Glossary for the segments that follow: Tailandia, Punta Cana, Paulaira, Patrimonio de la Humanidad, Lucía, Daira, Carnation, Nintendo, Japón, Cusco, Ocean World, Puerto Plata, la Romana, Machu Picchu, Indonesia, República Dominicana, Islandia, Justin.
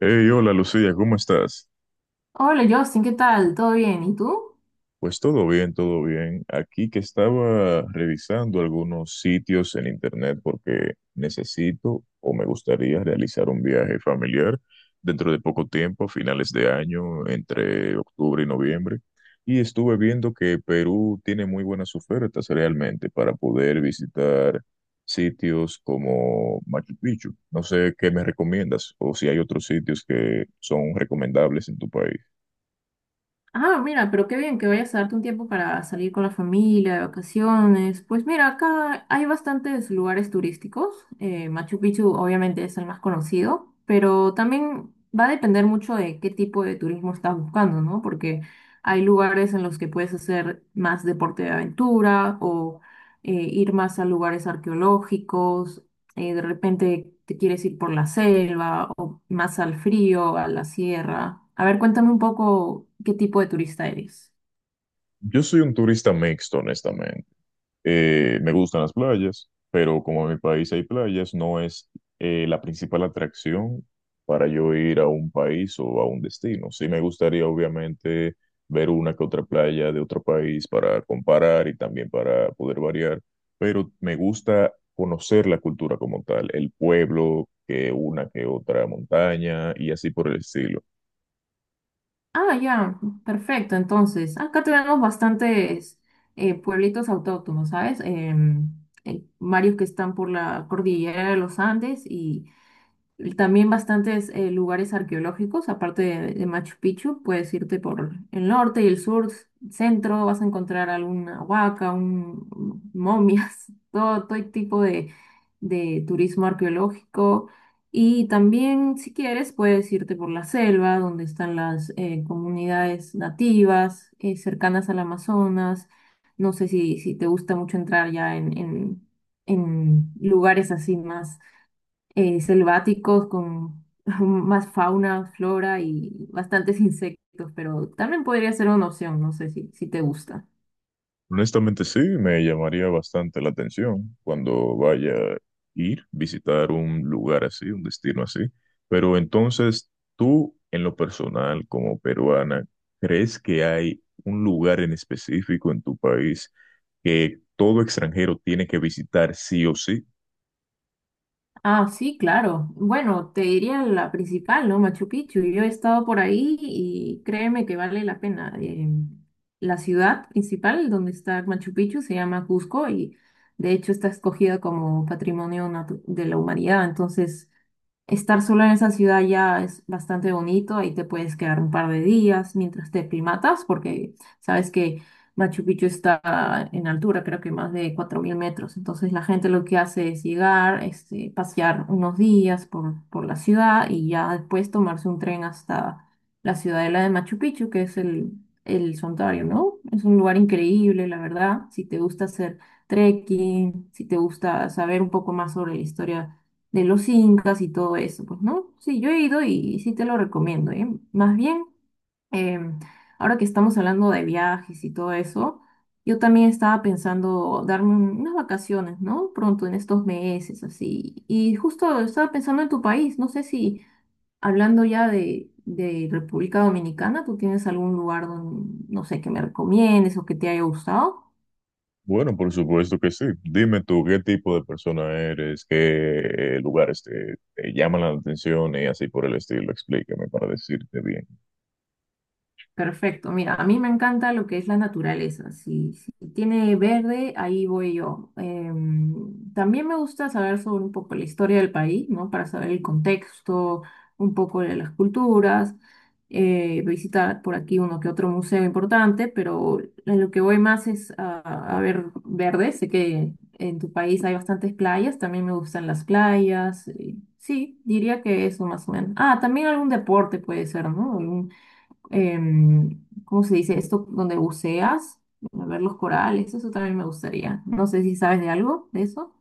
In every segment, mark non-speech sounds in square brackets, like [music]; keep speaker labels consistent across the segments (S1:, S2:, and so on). S1: Hey, hola Lucía, ¿cómo estás?
S2: Hola Justin, ¿qué tal? ¿Todo bien? ¿Y tú?
S1: Pues todo bien, todo bien. Aquí que estaba revisando algunos sitios en internet porque necesito o me gustaría realizar un viaje familiar dentro de poco tiempo, a finales de año, entre octubre y noviembre. Y estuve viendo que Perú tiene muy buenas ofertas realmente para poder visitar sitios como Machu Picchu. No sé qué me recomiendas o si hay otros sitios que son recomendables en tu país.
S2: Ah, mira, pero qué bien que vayas a darte un tiempo para salir con la familia, de vacaciones. Pues mira, acá hay bastantes lugares turísticos. Machu Picchu obviamente es el más conocido, pero también va a depender mucho de qué tipo de turismo estás buscando, ¿no? Porque hay lugares en los que puedes hacer más deporte de aventura o ir más a lugares arqueológicos. De repente te quieres ir por la selva o más al frío, a la sierra. A ver, cuéntame un poco qué tipo de turista eres.
S1: Yo soy un turista mixto, honestamente. Me gustan las playas, pero como en mi país hay playas, no es la principal atracción para yo ir a un país o a un destino. Sí me gustaría, obviamente, ver una que otra playa de otro país para comparar y también para poder variar, pero me gusta conocer la cultura como tal, el pueblo, que una que otra montaña y así por el estilo.
S2: Ah, ya, perfecto. Entonces, acá tenemos bastantes pueblitos autóctonos, ¿sabes? Varios que están por la cordillera de los Andes y también bastantes lugares arqueológicos, aparte de Machu Picchu. Puedes irte por el norte y el sur, centro, vas a encontrar alguna huaca, un, momias, [laughs] todo, todo tipo de turismo arqueológico. Y también, si quieres, puedes irte por la selva, donde están las comunidades nativas cercanas al Amazonas. No sé si te gusta mucho entrar ya en lugares así más selváticos con [laughs] más fauna, flora y bastantes insectos, pero también podría ser una opción, no sé si te gusta.
S1: Honestamente sí, me llamaría bastante la atención cuando vaya a ir, visitar un lugar así, un destino así. Pero entonces, tú en lo personal como peruana, ¿crees que hay un lugar en específico en tu país que todo extranjero tiene que visitar sí o sí?
S2: Ah, sí, claro. Bueno, te diría la principal, ¿no? Machu Picchu. Yo he estado por ahí y créeme que vale la pena. La ciudad principal donde está Machu Picchu se llama Cusco y de hecho está escogida como Patrimonio Natu- de la Humanidad. Entonces, estar sola en esa ciudad ya es bastante bonito, ahí te puedes quedar un par de días mientras te primatas, porque sabes que Machu Picchu está en altura, creo que más de 4000 metros. Entonces la gente lo que hace es llegar, este, pasear unos días por la ciudad y ya después tomarse un tren hasta la ciudadela de Machu Picchu, que es el santuario, ¿no? Es un lugar increíble, la verdad, si te gusta hacer trekking, si te gusta saber un poco más sobre la historia de los incas y todo eso, pues, ¿no? Sí, yo he ido y sí te lo recomiendo, ¿eh? Más bien, em, ahora que estamos hablando de viajes y todo eso, yo también estaba pensando darme unas vacaciones, ¿no? Pronto en estos meses, así. Y justo estaba pensando en tu país, no sé si hablando ya de República Dominicana, ¿tú tienes algún lugar donde, no sé, que me recomiendes o que te haya gustado?
S1: Bueno, por supuesto que sí. Dime tú qué tipo de persona eres, qué lugares te, te llaman la atención y así por el estilo. Explícame para decirte bien.
S2: Perfecto, mira, a mí me encanta lo que es la naturaleza. Si tiene verde, ahí voy yo. También me gusta saber sobre un poco la historia del país, ¿no? Para saber el contexto, un poco de las culturas, visitar por aquí uno que otro museo importante, pero en lo que voy más es a ver verde. Sé que en tu país hay bastantes playas, también me gustan las playas. Sí, diría que eso más o menos. Ah, también algún deporte puede ser, ¿no? ¿Cómo se dice esto? Donde buceas, a ver los corales, eso también me gustaría. No sé si sabes de algo de eso.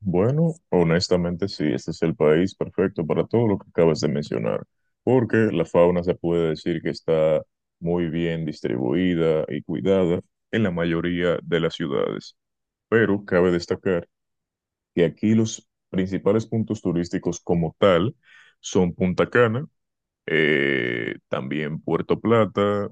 S1: Bueno, honestamente sí, este es el país perfecto para todo lo que acabas de mencionar, porque la fauna se puede decir que está muy bien distribuida y cuidada en la mayoría de las ciudades, pero cabe destacar que aquí los principales puntos turísticos como tal son Punta Cana, también Puerto Plata,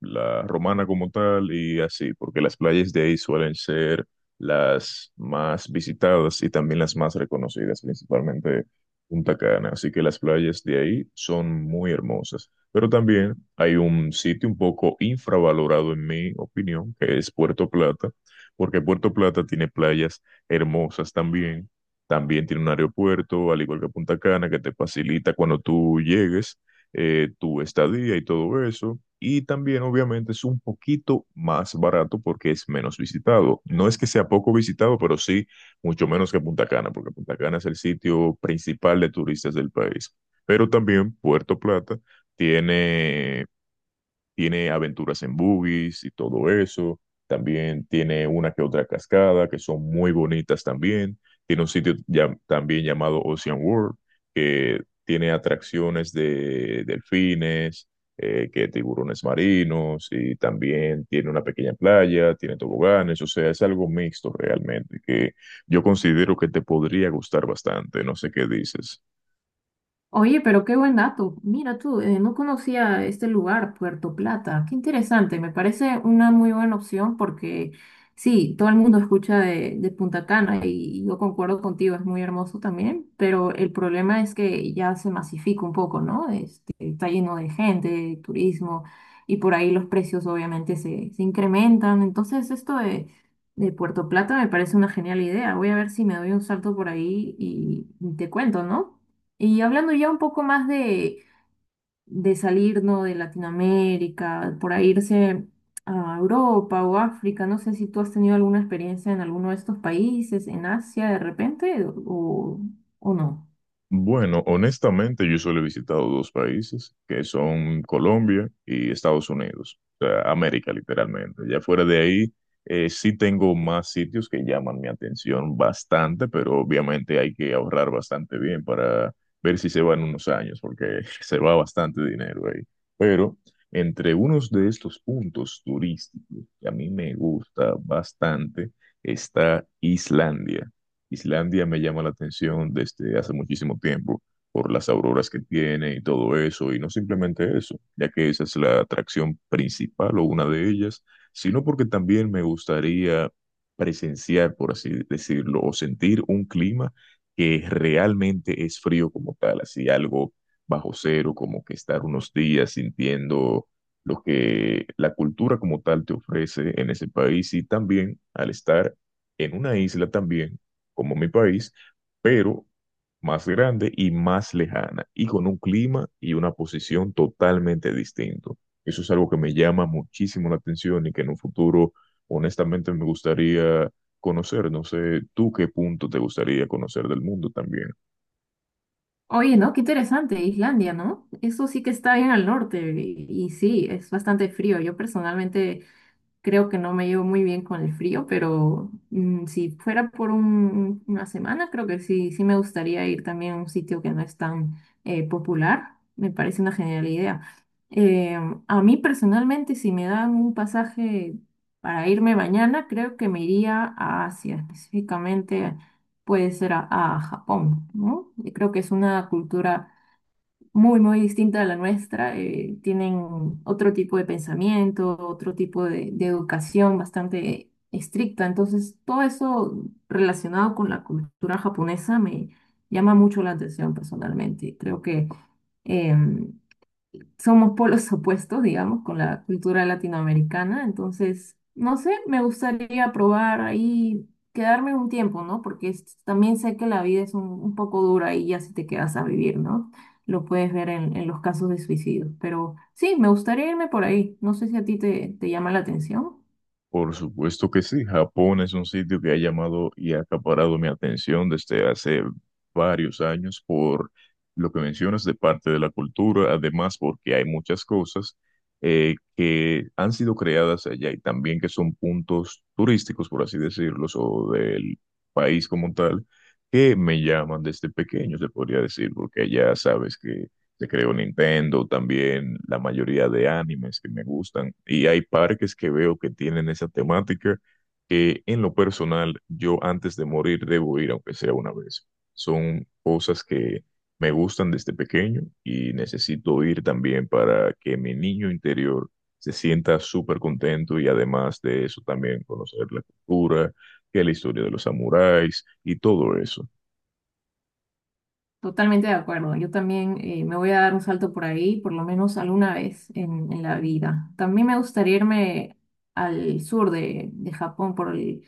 S1: la Romana como tal y así, porque las playas de ahí suelen ser las más visitadas y también las más reconocidas, principalmente Punta Cana, así que las playas de ahí son muy hermosas. Pero también hay un sitio un poco infravalorado en mi opinión, que es Puerto Plata, porque Puerto Plata tiene playas hermosas también. También tiene un aeropuerto, al igual que Punta Cana, que te facilita cuando tú llegues tu estadía y todo eso. Y también, obviamente, es un poquito más barato porque es menos visitado. No es que sea poco visitado, pero sí mucho menos que Punta Cana, porque Punta Cana es el sitio principal de turistas del país. Pero también Puerto Plata tiene tiene aventuras en buggies y todo eso. También tiene una que otra cascada que son muy bonitas también. Tiene un sitio también llamado Ocean World que tiene atracciones de delfines, que tiburones marinos y también tiene una pequeña playa, tiene toboganes. O sea, es algo mixto realmente que yo considero que te podría gustar bastante. No sé qué dices.
S2: Oye, pero qué buen dato. Mira tú, no conocía este lugar, Puerto Plata. Qué interesante, me parece una muy buena opción porque sí, todo el mundo escucha de Punta Cana y yo concuerdo contigo, es muy hermoso también, pero el problema es que ya se masifica un poco, ¿no? Este, está lleno de gente, de turismo y por ahí los precios obviamente se incrementan. Entonces, esto de Puerto Plata me parece una genial idea. Voy a ver si me doy un salto por ahí y te cuento, ¿no? Y hablando ya un poco más de salir, ¿no? De Latinoamérica, por ahí irse a Europa o África, no sé si tú has tenido alguna experiencia en alguno de estos países, en Asia de repente, o no.
S1: Bueno, honestamente yo solo he visitado dos países, que son Colombia y Estados Unidos, o sea, América literalmente. Ya fuera de ahí, sí tengo más sitios que llaman mi atención bastante, pero obviamente hay que ahorrar bastante bien para ver si se va en unos años, porque [laughs] se va bastante dinero ahí. Pero entre unos de estos puntos turísticos que a mí me gusta bastante está Islandia. Islandia me llama la atención desde hace muchísimo tiempo por las auroras que tiene y todo eso, y no simplemente eso, ya que esa es la atracción principal o una de ellas, sino porque también me gustaría presenciar, por así decirlo, o sentir un clima que realmente es frío como tal, así algo bajo cero, como que estar unos días sintiendo lo que la cultura como tal te ofrece en ese país y también al estar en una isla también como mi país, pero más grande y más lejana, y con un clima y una posición totalmente distinto. Eso es algo que me llama muchísimo la atención y que en un futuro, honestamente, me gustaría conocer. No sé, ¿tú qué punto te gustaría conocer del mundo también?
S2: Oye, ¿no? Qué interesante, Islandia, ¿no? Eso sí que está bien al norte y sí, es bastante frío. Yo personalmente creo que no me llevo muy bien con el frío, pero si fuera por una semana, creo que sí, sí me gustaría ir también a un sitio que no es tan popular. Me parece una genial idea. Eh, a mí personalmente, si me dan un pasaje para irme mañana, creo que me iría a Asia, específicamente puede ser a Japón, ¿no? Y creo que es una cultura muy, muy distinta a la nuestra. Tienen otro tipo de pensamiento, otro tipo de educación bastante estricta. Entonces, todo eso relacionado con la cultura japonesa me llama mucho la atención personalmente. Creo que em, somos polos opuestos, digamos, con la cultura latinoamericana. Entonces, no sé, me gustaría probar ahí, quedarme un tiempo, ¿no? Porque también sé que la vida es un poco dura y ya si te quedas a vivir, ¿no? Lo puedes ver en los casos de suicidios. Pero sí, me gustaría irme por ahí. No sé si a ti te llama la atención.
S1: Por supuesto que sí, Japón es un sitio que ha llamado y ha acaparado mi atención desde hace varios años por lo que mencionas de parte de la cultura, además porque hay muchas cosas que han sido creadas allá y también que son puntos turísticos, por así decirlos, o del país como tal, que me llaman desde pequeño, se podría decir, porque ya sabes que se creó Nintendo, también la mayoría de animes que me gustan. Y hay parques que veo que tienen esa temática que en lo personal yo antes de morir debo ir, aunque sea una vez. Son cosas que me gustan desde pequeño y necesito ir también para que mi niño interior se sienta súper contento y además de eso también conocer la cultura, que la historia de los samuráis y todo eso.
S2: Totalmente de acuerdo. Yo también me voy a dar un salto por ahí, por lo menos alguna vez en la vida. También me gustaría irme al sur de Japón por el,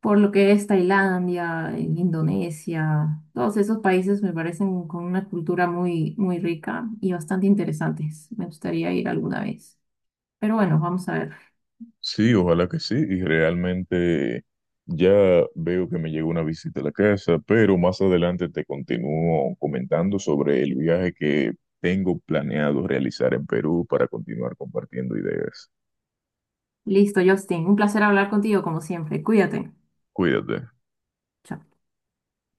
S2: por lo que es Tailandia, en Indonesia, todos esos países me parecen con una cultura muy, muy rica y bastante interesantes. Me gustaría ir alguna vez. Pero bueno, vamos a ver.
S1: Sí, ojalá que sí. Y realmente ya veo que me llegó una visita a la casa, pero más adelante te continúo comentando sobre el viaje que tengo planeado realizar en Perú para continuar compartiendo ideas.
S2: Listo, Justin, un placer hablar contigo como siempre. Cuídate.
S1: Cuídate.
S2: Chao.